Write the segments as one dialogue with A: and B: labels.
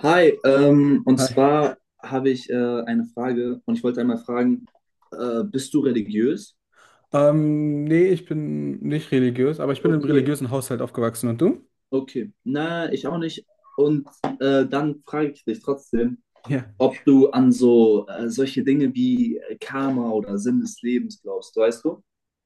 A: Hi, und
B: Hi.
A: zwar habe ich eine Frage und ich wollte einmal fragen, bist du religiös?
B: Nee, ich bin nicht religiös, aber ich bin im
A: Okay.
B: religiösen Haushalt aufgewachsen. Und du?
A: Okay, na, ich auch nicht. Und dann frage ich dich trotzdem,
B: Ja.
A: ob du an so solche Dinge wie Karma oder Sinn des Lebens glaubst, weißt du?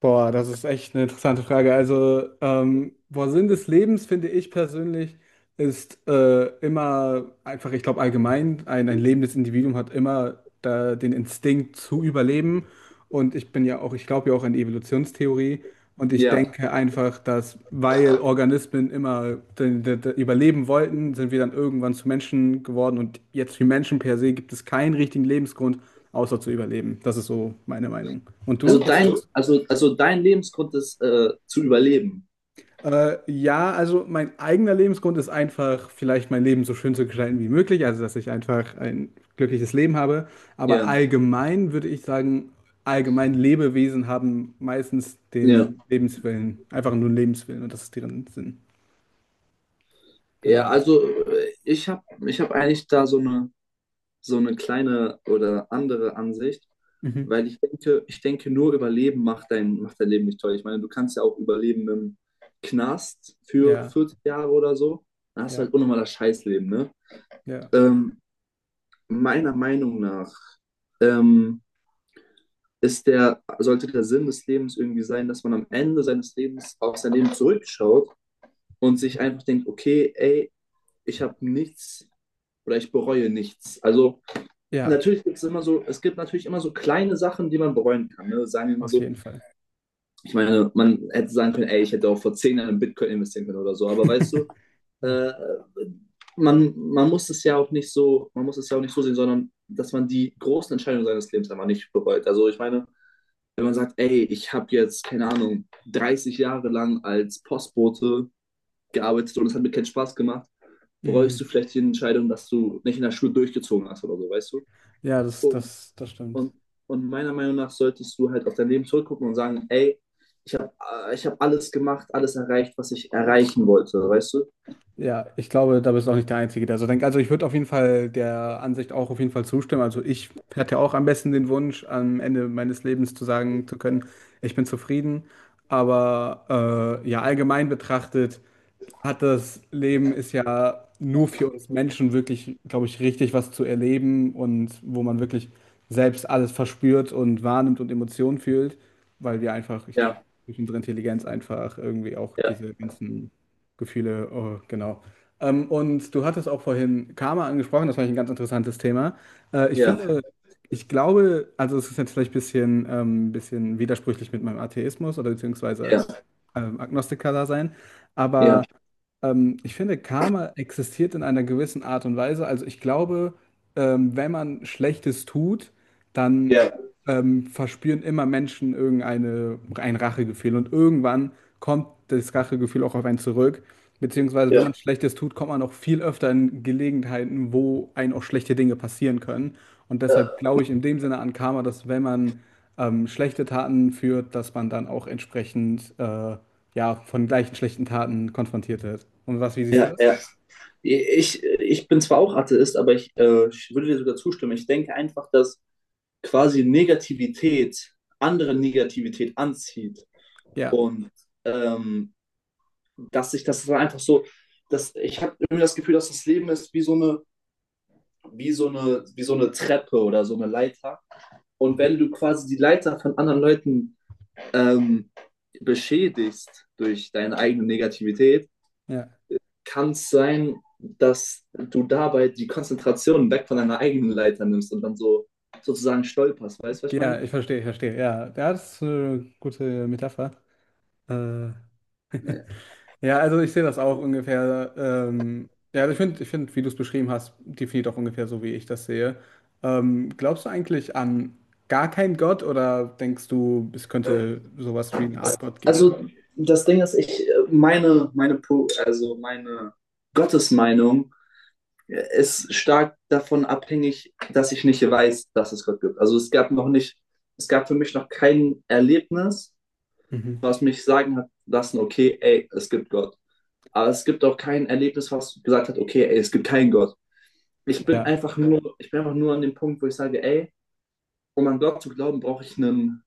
B: Boah, das ist echt eine interessante Frage. Also, boah, Sinn des Lebens, finde ich persönlich, ist immer einfach, ich glaube, allgemein, ein lebendes Individuum hat immer da den Instinkt zu überleben. Und ich bin ja auch, ich glaube ja auch an die Evolutionstheorie. Und ich
A: Ja,
B: denke einfach, dass weil Organismen immer den überleben wollten, sind wir dann irgendwann zu Menschen geworden. Und jetzt wie Menschen per se gibt es keinen richtigen Lebensgrund, außer zu überleben. Das ist so meine Meinung. Und
A: also
B: du? Was sagst du?
A: dein Lebensgrund ist zu überleben.
B: Ja, also mein eigener Lebensgrund ist einfach, vielleicht mein Leben so schön zu gestalten wie möglich, also dass ich einfach ein glückliches Leben habe. Aber
A: Ja,
B: allgemein würde ich sagen, allgemein Lebewesen haben meistens
A: Ja,
B: den Lebenswillen, einfach nur einen Lebenswillen und das ist deren Sinn.
A: ja,
B: Genau.
A: also ich hab eigentlich da so eine, so eine kleine oder andere Ansicht,
B: Mhm.
A: weil ich denke, nur Überleben macht dein Leben nicht toll. Ich meine, du kannst ja auch überleben im Knast für
B: Ja,
A: 40 Jahre oder so. Dann hast du
B: ja,
A: halt unnormal das Scheißleben, ne?
B: ja,
A: Ähm, Meiner Meinung nach ähm, ist der Sinn des Lebens irgendwie sein, dass man am Ende seines Lebens auf sein Leben zurückschaut und sich einfach denkt: okay, ey, ich habe nichts, oder ich bereue nichts. Also
B: ja,
A: natürlich gibt es immer so, es gibt natürlich immer so kleine Sachen, die man bereuen kann, ne? Sagen wir mal
B: auf
A: so,
B: jeden Fall.
A: ich meine, man hätte sagen können, ey, ich hätte auch vor 10 Jahren in Bitcoin investieren können oder so, aber weißt du,
B: Ja,
A: äh, man, man muss es ja auch nicht so, man muss es ja auch nicht so sehen, sondern dass man die großen Entscheidungen seines Lebens einfach nicht bereut. Also ich meine, wenn man sagt, ey, ich habe jetzt, keine Ahnung, 30 Jahre lang als Postbote gearbeitet und es hat mir keinen Spaß gemacht, bereust
B: mm.
A: du vielleicht die Entscheidung, dass du nicht in der Schule durchgezogen hast oder so, weißt du?
B: Ja, das,
A: Und
B: das, das stimmt.
A: Und, und meiner Meinung nach solltest du halt auf dein Leben zurückgucken und sagen, ey, ich habe ich hab alles gemacht, alles erreicht, was ich erreichen wollte, weißt du?
B: Ja, ich glaube, da bist du auch nicht der Einzige, der so denkt. Also ich würde auf jeden Fall der Ansicht auch auf jeden Fall zustimmen. Also ich hatte auch am besten den Wunsch, am Ende meines Lebens zu sagen zu können, ich bin zufrieden. Aber ja, allgemein betrachtet hat das Leben ist ja nur für uns Menschen wirklich, glaube ich, richtig was zu erleben und wo man wirklich selbst alles verspürt und wahrnimmt und Emotionen fühlt, weil wir einfach ich,
A: Ja,
B: durch unsere Intelligenz einfach irgendwie auch
A: ja.
B: diese ganzen Gefühle, oh, genau. Und du hattest auch vorhin Karma angesprochen, das fand ich ein ganz interessantes Thema. Ich
A: Ja,
B: finde, ich glaube, also es ist jetzt vielleicht ein bisschen, bisschen widersprüchlich mit meinem Atheismus oder beziehungsweise Agnostiker da sein,
A: ja, ja,
B: aber ich finde, Karma existiert in einer gewissen Art und Weise. Also ich glaube, wenn man Schlechtes tut, dann
A: ja,
B: verspüren immer Menschen irgendeine, ein Rachegefühl. Und irgendwann kommt das Rachegefühl auch auf einen zurück. Beziehungsweise, wenn
A: ja.
B: man Schlechtes tut, kommt man auch viel öfter in Gelegenheiten, wo einem auch schlechte Dinge passieren können. Und deshalb glaube ich in dem Sinne an Karma, dass wenn man schlechte Taten führt, dass man dann auch entsprechend ja, von gleichen schlechten Taten konfrontiert wird. Und was, wie siehst du
A: Ja,
B: das?
A: ja. Ich bin zwar auch Atheist, aber ich, ich würde dir sogar zustimmen. Ich denke einfach, dass quasi Negativität andere Negativität anzieht
B: Ja,
A: und ähm, dass sich das dann einfach so, dass ich habe irgendwie das Gefühl, dass das Leben ist wie so eine, wie so eine, wie so eine Treppe oder so eine Leiter. Und wenn du quasi die Leiter von anderen Leuten ähm, beschädigst durch deine eigene Negativität,
B: ja,
A: kann es sein, dass du dabei die Konzentration weg von deiner eigenen Leiter nimmst und dann so sozusagen stolperst. Weißt du, was ich
B: ja,
A: meine?
B: ich verstehe. Ja, ja, das ist eine gute Metapher. Äh, Ja, also ich sehe das auch ungefähr. Ja, also ich finde, ich find, wie du es beschrieben hast, definiert auch ungefähr so, wie ich das sehe. Glaubst du eigentlich an gar keinen Gott oder denkst du, es könnte sowas wie eine Art Gott geben?
A: Also das Ding ist, ich meine, meine, also meine Gottesmeinung ist stark davon abhängig, dass ich nicht weiß, dass es Gott gibt. Also es gab für mich noch kein Erlebnis,
B: Mhm.
A: was mich sagen hat lassen: okay, ey, es gibt Gott. Aber es gibt auch kein Erlebnis, was gesagt hat: okay, ey, es gibt keinen Gott.
B: Ja,
A: Ich bin einfach nur an dem Punkt, wo ich sage: ey, um an Gott zu glauben, brauche ich einen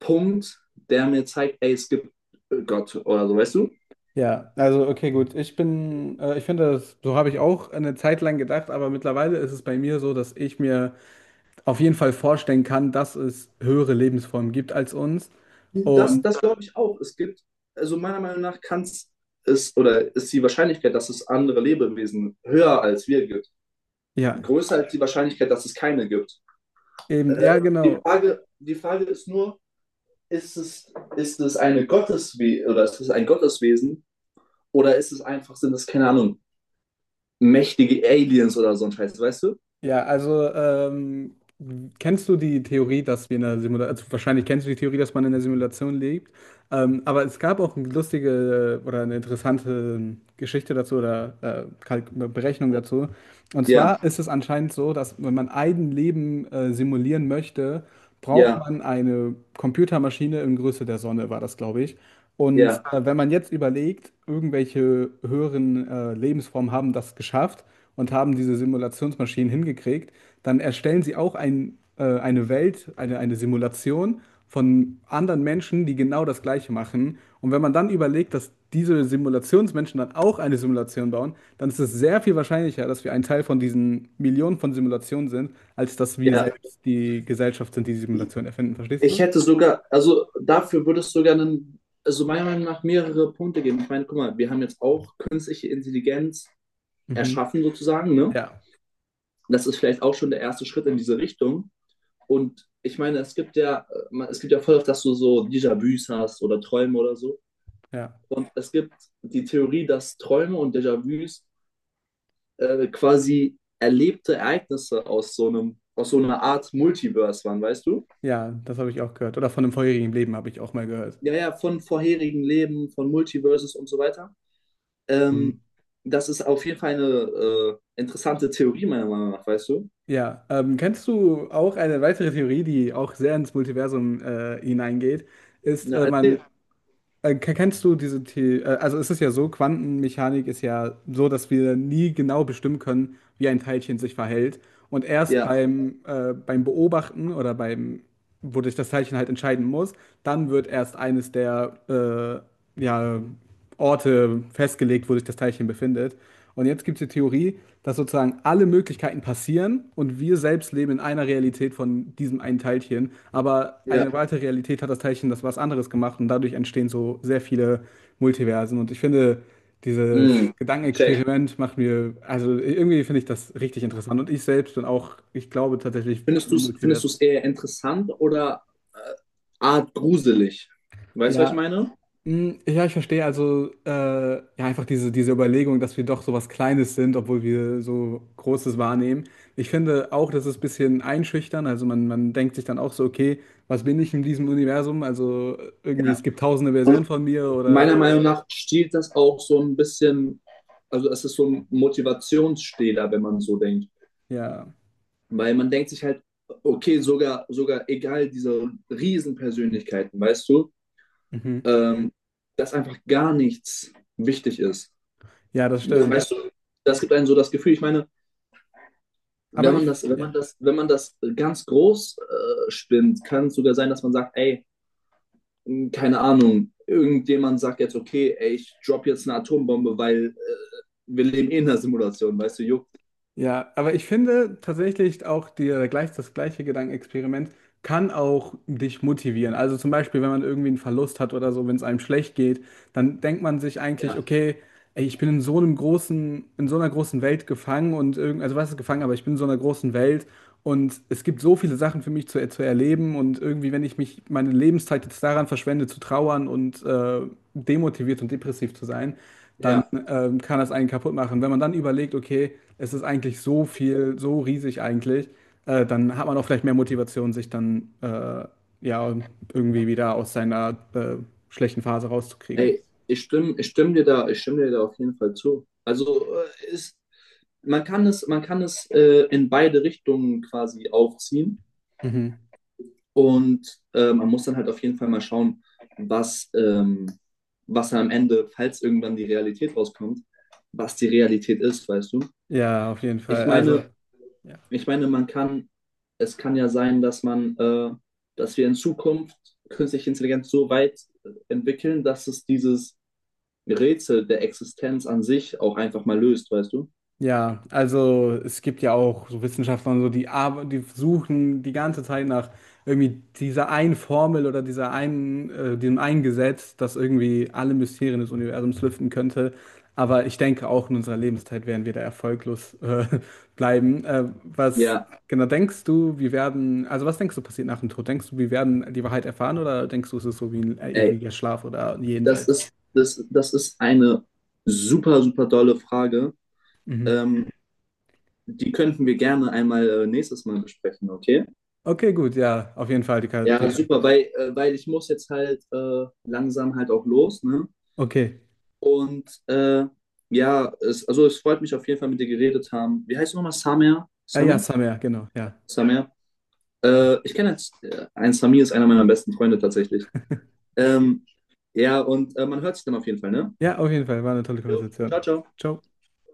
A: Punkt, der mir zeigt, ey, es gibt Gott oder so, weißt du?
B: ja, also okay, gut. Ich bin, ich finde, das, so habe ich auch eine Zeit lang gedacht, aber mittlerweile ist es bei mir so, dass ich mir auf jeden Fall vorstellen kann, dass es höhere Lebensformen gibt als uns.
A: Das,
B: Und
A: das glaube ich auch. Es gibt, also meiner Meinung nach kann es oder ist die Wahrscheinlichkeit, dass es andere Lebewesen höher als wir gibt,
B: ja,
A: größer als die Wahrscheinlichkeit, dass es keine gibt.
B: eben, ja, genau.
A: Die Frage ist nur, ist es eine Gotteswe oder ist es ein Gotteswesen oder ist es einfach, sind es, keine Ahnung, mächtige Aliens oder so ein Scheiß, weißt du?
B: Ja, also kennst du die Theorie, dass wir in einer Simulation, also wahrscheinlich kennst du die Theorie, dass man in einer Simulation lebt, aber es gab auch eine lustige oder eine interessante Geschichte dazu oder Kalk- Berechnung dazu. Und
A: Ja,
B: zwar ist es anscheinend so, dass wenn man ein Leben simulieren möchte, braucht
A: ja,
B: man eine Computermaschine in Größe der Sonne, war das, glaube ich. Und
A: ja,
B: wenn man jetzt überlegt, irgendwelche höheren Lebensformen haben das geschafft und haben diese Simulationsmaschinen hingekriegt, dann erstellen sie auch ein, eine Welt, eine Simulation von anderen Menschen, die genau das Gleiche machen. Und wenn man dann überlegt, dass diese Simulationsmenschen dann auch eine Simulation bauen, dann ist es sehr viel wahrscheinlicher, dass wir ein Teil von diesen Millionen von Simulationen sind, als dass wir
A: ja.
B: selbst die Gesellschaft sind, die die Simulation erfinden. Verstehst
A: Ich
B: du?
A: hätte sogar, also dafür würde es sogar einen, also meiner Meinung nach mehrere Punkte geben. Ich meine, guck mal, wir haben jetzt auch künstliche Intelligenz
B: Mhm.
A: erschaffen sozusagen, ne?
B: Ja,
A: Das ist vielleicht auch schon der erste Schritt in diese Richtung. Und ich meine, es gibt ja, es gibt ja voll oft, dass du so Déjà-vus hast oder Träume oder so.
B: ja,
A: Und es gibt die Theorie, dass Träume und Déjà-vus quasi erlebte Ereignisse aus so einem, aus so einer Art Multiverse waren, weißt du?
B: ja, das habe ich auch gehört. Oder von einem vorherigen Leben habe ich auch mal gehört.
A: Ja, ja, von vorherigen Leben, von Multiverses und so weiter.
B: Mhm.
A: Ähm, das ist auf jeden Fall eine interessante Theorie, meiner Meinung nach, weißt du?
B: Ja, kennst du auch eine weitere Theorie, die auch sehr ins Multiversum hineingeht, ist,
A: Ja,
B: man,
A: erzähl.
B: ke- kennst du diese The also es ist ja so, Quantenmechanik ist ja so, dass wir nie genau bestimmen können, wie ein Teilchen sich verhält. Und erst
A: Ja,
B: beim, beim Beobachten oder beim, wo wodurch das Teilchen halt entscheiden muss, dann wird erst eines der, ja, Orte festgelegt, wo sich das Teilchen befindet. Und jetzt gibt es die Theorie, dass sozusagen alle Möglichkeiten passieren und wir selbst leben in einer Realität von diesem einen Teilchen. Aber
A: ja.
B: eine weitere Realität hat das Teilchen das was anderes gemacht und dadurch entstehen so sehr viele Multiversen. Und ich finde, dieses
A: Mm, check.
B: Gedankenexperiment macht mir, also irgendwie finde ich das richtig interessant. Und ich selbst bin auch, ich glaube tatsächlich an ein
A: Findest
B: Multiversum.
A: du's eher interessant oder äh, art gruselig? Weißt du, was ich
B: Ja,
A: meine?
B: Mm, Ja, ich verstehe also ja einfach diese, diese Überlegung, dass wir doch so was Kleines sind, obwohl wir so Großes wahrnehmen. Ich finde auch, das ist ein bisschen einschüchtern. Also man denkt sich dann auch so, okay, was bin ich in diesem Universum? Also irgendwie, es
A: Ja.
B: gibt tausende
A: Und
B: Versionen von mir
A: meiner
B: oder
A: Meinung nach stiehlt das auch so ein bisschen, also es ist so ein Motivationsstehler, wenn man so denkt.
B: ja.
A: Weil man denkt sich halt, okay, sogar egal diese Riesenpersönlichkeiten, weißt du,
B: Mhm.
A: ähm, dass einfach gar nichts wichtig ist.
B: Ja, das stimmt.
A: Weißt du, das gibt einem so das Gefühl. Ich meine,
B: Aber ich, ja.
A: wenn man das ganz groß spinnt, kann es sogar sein, dass man sagt, ey, keine Ahnung, irgendjemand sagt jetzt: okay, ey, ich drop jetzt eine Atombombe, weil wir leben eh in einer Simulation, weißt du, juckt.
B: Ja, aber ich finde tatsächlich auch die, gleich, das gleiche Gedankenexperiment kann auch dich motivieren. Also zum Beispiel, wenn man irgendwie einen Verlust hat oder so, wenn es einem schlecht geht, dann denkt man sich eigentlich,
A: Ja,
B: okay, ey, ich bin in so einem großen, in so einer großen Welt gefangen und irgend, also was ist gefangen, aber ich bin in so einer großen Welt und es gibt so viele Sachen für mich zu erleben und irgendwie, wenn ich mich meine Lebenszeit jetzt daran verschwende, zu trauern und demotiviert und depressiv zu sein, dann
A: ja.
B: kann das einen kaputt machen. Wenn man dann überlegt, okay, es ist eigentlich so viel, so riesig eigentlich, dann hat man auch vielleicht mehr Motivation, sich dann ja irgendwie wieder aus seiner schlechten Phase rauszukriegen.
A: Ey, ich stimme dir da auf jeden Fall zu. Also man kann es, in beide Richtungen quasi aufziehen.
B: Mhm.
A: Und man muss dann halt auf jeden Fall mal schauen, was, ähm, was am Ende, falls irgendwann die Realität rauskommt, was die Realität ist, weißt du?
B: Ja, auf jeden
A: Ich
B: Fall. Also.
A: meine,
B: Ja.
A: man kann, es kann ja sein, dass dass wir in Zukunft künstliche Intelligenz so weit entwickeln, dass es dieses Rätsel der Existenz an sich auch einfach mal löst, weißt du?
B: Ja, also es gibt ja auch so Wissenschaftler und so, die, arbe- die suchen die ganze Zeit nach irgendwie dieser einen Formel oder dieser einen, dem einen Gesetz, das irgendwie alle Mysterien des Universums lüften könnte. Aber ich denke, auch in unserer Lebenszeit werden wir da erfolglos bleiben. Was
A: Ja,
B: genau denkst du, wir werden, also was denkst du passiert nach dem Tod? Denkst du, wir werden die Wahrheit erfahren oder denkst du, es ist so wie ein
A: ey,
B: ewiger Schlaf oder ein Jenseits?
A: das ist eine super dolle Frage.
B: Mhm.
A: Ähm, Die könnten wir gerne einmal nächstes Mal besprechen, okay?
B: Okay, gut, ja, auf jeden Fall, die, Ka-
A: Ja,
B: die,
A: super, weil, weil ich muss jetzt halt langsam halt auch los, ne?
B: okay.
A: Und ja, also es freut mich auf jeden Fall, mit dir geredet haben. Wie heißt du nochmal? Samir?
B: Ja, ja,
A: Samir?
B: Summer, genau, ja.
A: Samir?
B: Gut.
A: Ich kenne jetzt, ein Samir ist einer meiner besten Freunde tatsächlich. Ähm, ja, und man hört sich dann auf jeden Fall, ne?
B: Ja, auf jeden Fall, war eine tolle
A: Jo, ciao,
B: Konversation.
A: ciao.
B: Ciao.